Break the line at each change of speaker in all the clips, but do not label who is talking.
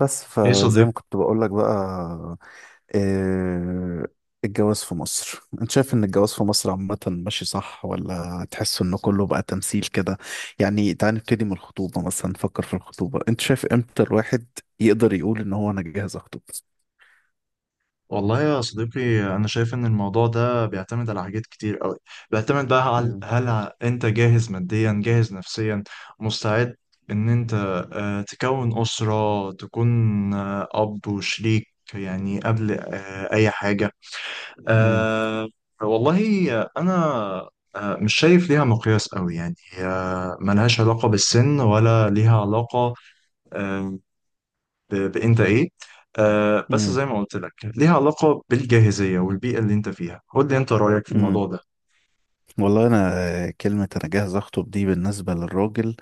بس
ايه
فزي
صديق؟
ما كنت بقول لك بقى. آه، الجواز في مصر، انت شايف ان الجواز في مصر عامة ماشي صح ولا تحس ان كله بقى تمثيل كده؟ يعني تعال نبتدي من الخطوبة مثلا، نفكر في الخطوبة. انت شايف امتى الواحد يقدر يقول ان هو انا جاهز اخطب؟
والله يا صديقي انا شايف ان الموضوع ده بيعتمد على حاجات كتير قوي. بيعتمد بقى على
مم.
هل انت جاهز ماديا جاهز نفسيا مستعد ان انت تكون اسرة، تكون اب وشريك يعني قبل اي حاجة.
مم.
آه، والله انا مش شايف ليها مقياس قوي يعني، ملهاش علاقة بالسن ولا ليها علاقة آه، بانت ايه. بس
مم.
زي ما قلت لك ليها علاقة بالجاهزية والبيئة اللي انت فيها. قول لي انت رأيك في
مم.
الموضوع ده.
والله انا كلمة انا جاهز اخطب دي بالنسبة للراجل،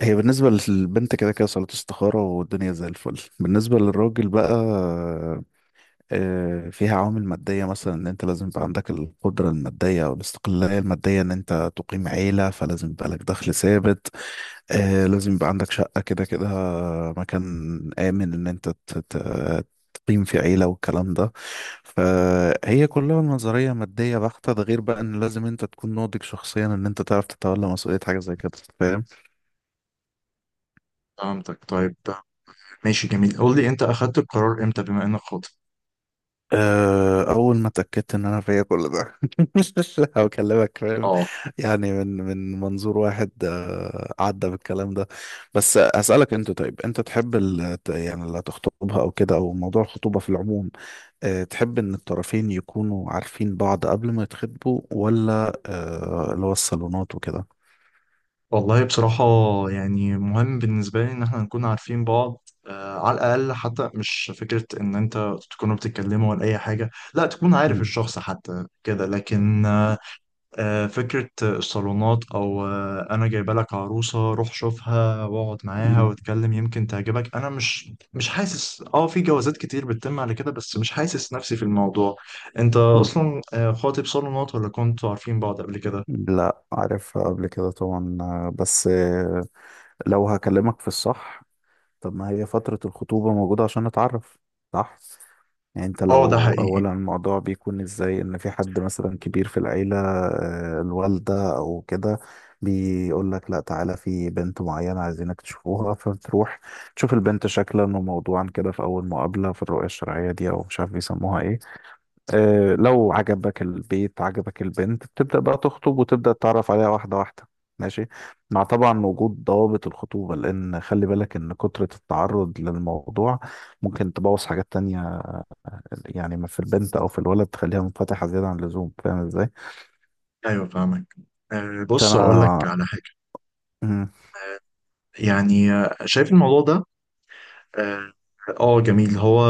هي بالنسبة للبنت كده كده صلاة استخارة والدنيا زي الفل. بالنسبة للراجل بقى فيها عوامل مادية مثلا، إن أنت لازم يبقى عندك القدرة المادية أو الاستقلالية المادية، إن أنت تقيم عيلة فلازم يبقى لك دخل ثابت. لازم يبقى عندك شقة كده كده، مكان آمن إن أنت تقيم في عيلة والكلام ده. فهي كلها نظرية مادية بحتة، ده غير بقى إن لازم أنت تكون ناضج شخصيا، إن أنت تعرف تتولى مسؤولية حاجة زي كده. فاهم؟
فهمتك، طيب ماشي، جميل. قول لي انت اخدت القرار امتى بما انك خاطب.
أول ما اتأكدت إن أنا فيا كل ده هكلمك، فاهم؟
اه
يعني من منظور واحد عدى بالكلام ده. بس أسألك أنت، طيب أنت تحب يعني اللي هتخطبها أو كده، أو موضوع الخطوبة في العموم تحب إن الطرفين يكونوا عارفين بعض قبل ما يتخطبوا ولا اللي هو الصالونات وكده؟
والله بصراحة، يعني مهم بالنسبة لي ان احنا نكون عارفين بعض على الاقل، حتى مش فكرة ان انت تكونوا بتتكلموا ولا اي حاجة، لا تكون عارف
مم.
الشخص حتى كده. لكن فكرة الصالونات أو أنا جايبة لك عروسة روح شوفها واقعد معاها
مم.
واتكلم يمكن تعجبك، أنا مش حاسس، في جوازات كتير بتتم على كده بس مش حاسس نفسي في الموضوع. أنت
مم.
أصلا خاطب صالونات ولا كنتوا عارفين بعض قبل كده؟
لا، عارفها قبل كده طبعا. بس لو هكلمك في الصح، طب ما هي فترة الخطوبة موجودة عشان نتعرف، صح؟ يعني انت
أه ده
لو،
حقيقي.
اولا الموضوع بيكون ازاي؟ ان في حد مثلا كبير في العيلة الوالدة او كده، بيقول لك لا تعالى في بنت معينة عايزينك تشوفوها، فبتروح تشوف البنت شكلا وموضوعا كده في اول مقابلة، في الرؤية الشرعية دي او مش عارف بيسموها ايه. لو عجبك البيت، عجبك البنت، بتبدأ بقى تخطب وتبدأ تتعرف عليها واحدة واحدة. ماشي، مع طبعا وجود ضوابط الخطوبة، لأن خلي بالك إن كترة التعرض للموضوع ممكن تبوظ حاجات تانية. يعني ما في البنت أو في الولد تخليها منفتحة زيادة عن اللزوم. فاهم إزاي؟
أيوه فاهمك، بص أقول لك
فأنا.
على حاجة.
مم.
يعني شايف الموضوع ده، اه جميل هو.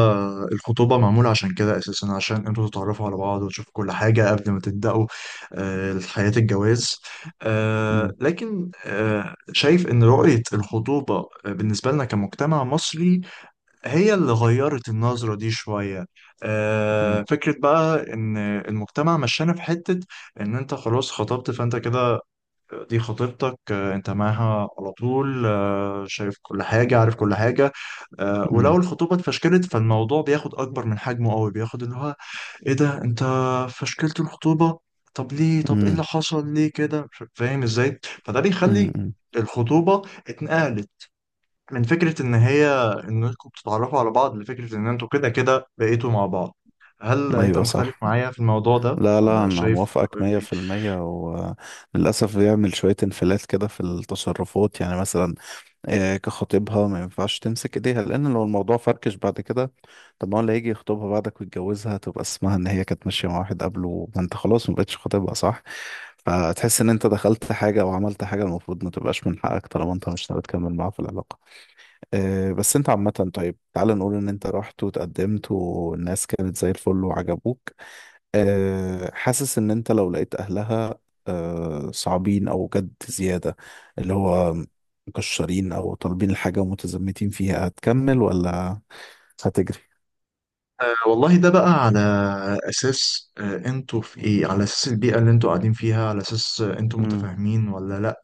الخطوبة معمولة عشان كده أساسا، عشان انتوا تتعرفوا على بعض وتشوفوا كل حاجة قبل ما تبدأوا حياة الجواز.
مم.
لكن شايف إن رؤية الخطوبة بالنسبة لنا كمجتمع مصري هي اللي غيرت النظرة دي شوية.
مم.
فكرة بقى إن المجتمع مشانا في حتة إن أنت خلاص خطبت، فأنت كده دي خطيبتك، انت معاها على طول شايف كل حاجة عارف كل حاجة. ولو
مم.
الخطوبة اتفشكلت فالموضوع بياخد أكبر من حجمه قوي، بياخد اللي هو ايه ده انت فشكلت الخطوبة، طب ليه، طب ايه اللي
مم.
حصل، ليه كده مش فاهم ازاي. فده
مم.
بيخلي
مم.
الخطوبة اتنقلت من فكرة ان هي انكم بتتعرفوا على بعض لفكرة ان انتوا كده كده بقيتوا مع بعض. هل انت
أيوة
مختلف
صح.
معايا في الموضوع ده
لا لا،
ولا
أنا
شايف
موافقك مية
إيه؟
في المية وللأسف بيعمل شوية انفلات كده في التصرفات، يعني مثلا كخطيبها ما ينفعش تمسك ايديها، لان لو الموضوع فركش بعد كده، طب ما هو اللي هيجي يخطبها بعدك ويتجوزها تبقى اسمها ان هي كانت ماشيه مع واحد قبله، ما انت خلاص ما بقتش خطيبها صح. فتحس ان انت دخلت حاجه او عملت حاجه المفروض ما تبقاش من حقك، طالما انت مش ناوي تكمل معاها في العلاقه. بس انت عامه، طيب تعال نقول ان انت رحت وتقدمت والناس كانت زي الفل وعجبوك، حاسس ان انت لو لقيت اهلها صعبين او جد زيادة، اللي هو مكشرين او طالبين الحاجة ومتزمتين فيها، هتكمل ولا هتجري؟
والله ده بقى على اساس انتوا في ايه، على اساس البيئه اللي انتوا قاعدين فيها، على اساس انتوا
امم.
متفاهمين ولا لا،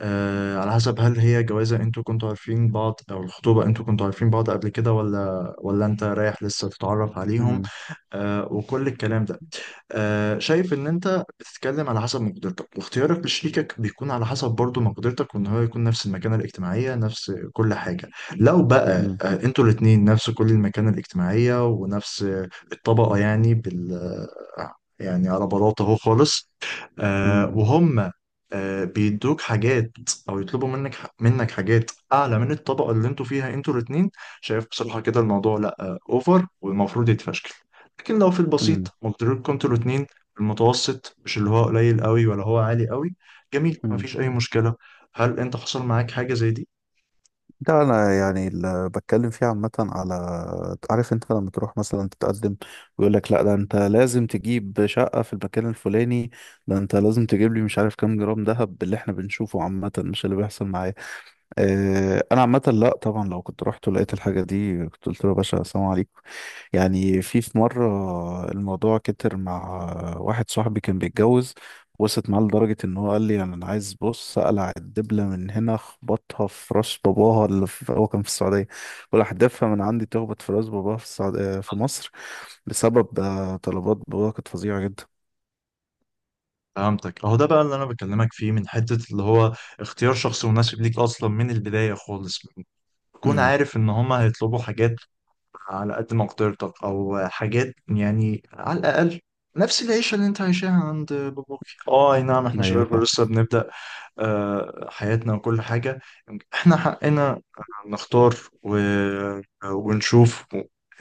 على حسب هل هي جوازه انتوا كنتوا عارفين بعض او الخطوبه انتوا كنتوا عارفين بعض قبل كده ولا انت رايح لسه تتعرف عليهم
امم.
وكل الكلام ده. شايف ان انت بتتكلم على حسب مقدرتك، واختيارك لشريكك بيكون على حسب برضو مقدرتك، وان هو يكون نفس المكانة الاجتماعية نفس كل حاجة. لو بقى
امم.
انتوا الاتنين نفس كل المكانة الاجتماعية ونفس الطبقة، يعني بال آه، يعني على بلاطة اهو خالص،
امم.
وهم بيدوك حاجات او يطلبوا منك حاجات اعلى من الطبقة اللي انتوا فيها انتوا الاتنين، شايف بصراحة كده الموضوع لا اوفر والمفروض يتفشكل. لكن لو في
امم.
البسيط مقدارين، كنتوا الاتنين في المتوسط مش اللي هو قليل قوي ولا هو عالي قوي، جميل
امم.
مفيش أي مشكلة. هل أنت حصل معاك حاجة زي دي؟
ده انا يعني اللي بتكلم فيه عامه، على، عارف انت لما تروح مثلا تتقدم ويقول لك لا ده انت لازم تجيب شقه في المكان الفلاني، ده انت لازم تجيب لي مش عارف كام جرام ذهب، اللي احنا بنشوفه عامه مش اللي بيحصل معايا. انا عامه لا طبعا، لو كنت رحت ولقيت الحاجه دي كنت قلت له يا باشا السلام عليكم. يعني في مره الموضوع كتر مع واحد صاحبي كان بيتجوز، وصلت معاه لدرجه ان هو قال لي يعني انا عايز، بص اقلع الدبله من هنا اخبطها في راس باباها، اللي في، هو كان في السعوديه، ولا احدفها من عندي تخبط في راس باباها في السعوديه، في مصر، بسبب طلبات باباها كانت فظيعه جدا.
فهمتك، أهو ده بقى اللي أنا بكلمك فيه، من حتة اللي هو اختيار شخص مناسب ليك أصلا من البداية خالص. تكون
امم.
عارف إن هما هيطلبوا حاجات على قد مقدرتك أو حاجات يعني على الأقل نفس العيشة اللي أنت عايشاها عند باباك. اه أي نعم، إحنا
ايوه
شباب
فاهم.
لسه بنبدأ حياتنا وكل حاجة. احنا حقنا نختار و... ونشوف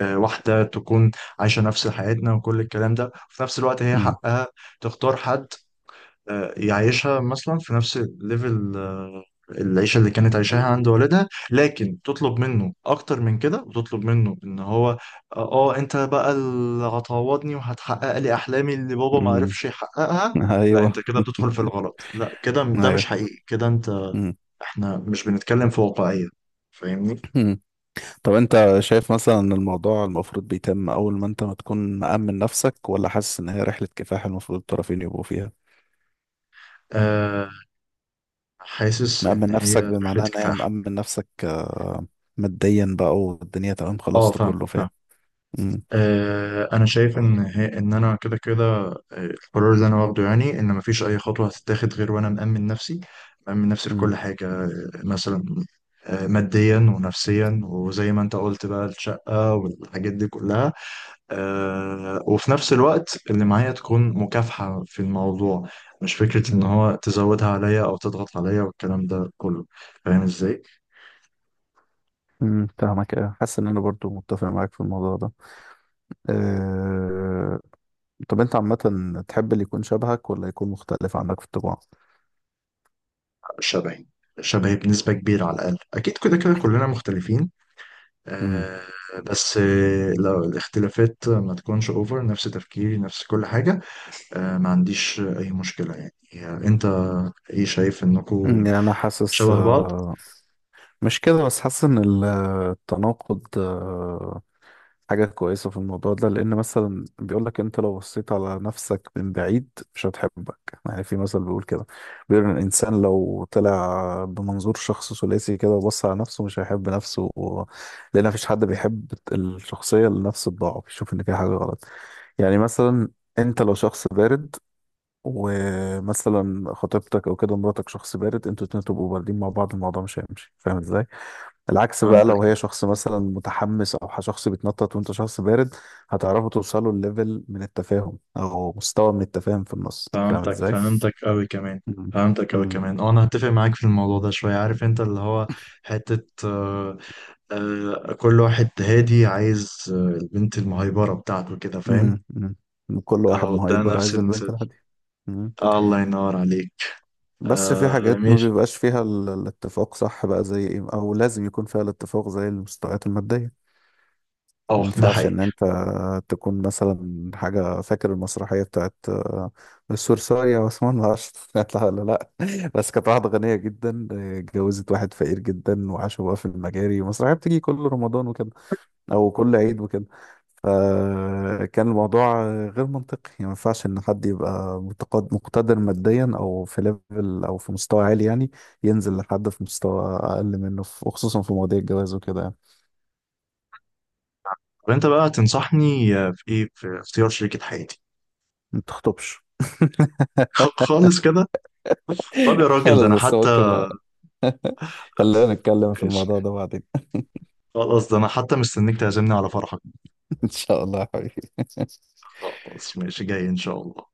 واحدة تكون عايشة نفس حياتنا وكل الكلام ده، وفي نفس الوقت هي
امم.
حقها تختار حد يعيشها مثلا في نفس الليفل، العيشة اللي كانت عايشاها عند والدها. لكن تطلب منه أكتر من كده، وتطلب منه إن هو أنت بقى اللي هتعوضني وهتحقق لي أحلامي اللي بابا ما
أمم.
عرفش يحققها، لا أنت
ايوه.
كده بتدخل في الغلط، لا كده ده مش
ايوه.
حقيقي كده أنت.
امم.
إحنا مش بنتكلم في واقعية، فاهمني؟
طب انت شايف مثلا ان الموضوع المفروض بيتم اول ما انت ما تكون مأمن نفسك، ولا حاسس ان هي رحلة كفاح المفروض الطرفين يبقوا فيها؟
أه حاسس إن
مأمن
هي
نفسك بمعنى
رحلة
ان هي
كفاح.
مأمن نفسك ماديا بقى والدنيا تمام،
أه
خلصت
فاهم.
كله، فاهم؟ امم.
انا شايف ان هي ان انا كده كده القرار اللي انا واخده يعني، ان مفيش اي خطوه هتتاخد غير وانا مأمن نفسي. مأمن نفسي في
امم.
كل حاجه، مثلا ماديا ونفسيا، وزي ما انت قلت بقى الشقه والحاجات دي كلها، وفي نفس الوقت اللي معايا تكون مكافحه في الموضوع، مش فكره ان
امم.
هو تزودها عليا او تضغط عليا والكلام ده كله، فاهم ازاي.
فاهمك، اه. حاسس ان انا برضو متفق معاك في الموضوع ده. أه. طب انت عامة تحب اللي يكون شبهك ولا يكون مختلف عنك في الطباع؟
شبهي، شبهي بنسبه كبيره، على الاقل اكيد كده كده كلنا مختلفين،
امم.
آه، بس لو الاختلافات ما تكونش اوفر، نفس تفكيري نفس كل حاجة، ما عنديش اي مشكلة. يعني انت ايه، شايف انكم
يعني انا حاسس
شبه بعض؟
مش كده بس، حاسس ان التناقض حاجة كويسة في الموضوع ده. لأن مثلا بيقولك أنت لو بصيت على نفسك من بعيد مش هتحبك. يعني في مثل بيقول كده، بيقول إن الإنسان لو طلع بمنظور شخص ثلاثي كده وبص على نفسه مش هيحب نفسه و. لأن مفيش حد بيحب الشخصية اللي نفسه تضاعه، بيشوف إن فيها حاجة غلط. يعني مثلا أنت لو شخص بارد، ومثلا خطيبتك أو كده مراتك شخص بارد، أنتوا الاتنين تبقوا باردين مع بعض، الموضوع مش هيمشي. فاهم إزاي؟ العكس بقى
فهمتك
لو هي شخص مثلا متحمس او شخص بيتنطط وانت شخص بارد، هتعرفوا توصلوا لليفل من التفاهم او مستوى من التفاهم في النص. فاهم
فهمتك
ازاي؟
فهمتك قوي كمان،
مم.
فهمتك قوي
مم.
كمان. اه انا هتفق معاك في الموضوع ده شوية. عارف انت اللي هو حتة كل واحد هادي عايز البنت المهيبرة بتاعته كده فاهم.
مم. مم. كل واحد
اه ده
مهايبر
نفس
عايز البنت
المثال.
الهادية. مم.
آه الله ينور عليك.
بس في
آه
حاجات ما
ماشي،
بيبقاش فيها الاتفاق صح بقى، زي ايه او لازم يكون فيها الاتفاق زي المستويات المادية. ما
اه ده
ينفعش
حقيقي.
ان انت تكون مثلا حاجه، فاكر المسرحيه بتاعت السورسارية وعثمان العشر هتطلع ولا لا؟ بس كانت واحده غنيه جدا اتجوزت واحد فقير جدا وعاشوا بقى في المجاري. المسرحيه بتيجي كل رمضان وكده او كل عيد وكده. فكان الموضوع غير منطقي. يعني ما ينفعش ان حد يبقى مقتدر ماديا او في ليفل او في مستوى عالي يعني، ينزل لحد في مستوى اقل منه وخصوصا في مواضيع الجواز وكده. يعني
وانت بقى تنصحني في ايه في اختيار شريكة حياتي؟
ما تخطبش.
خالص كده؟ طب يا راجل، ده
خلاص،
انا
بس
حتى
ممكن خلينا نتكلم في الموضوع
ماشي.
ده بعدين.
خلاص، ده انا حتى مستنيك تعزمني على فرحك.
ان شاء الله يا حبيبي.
خلاص ماشي، جاي ان شاء الله.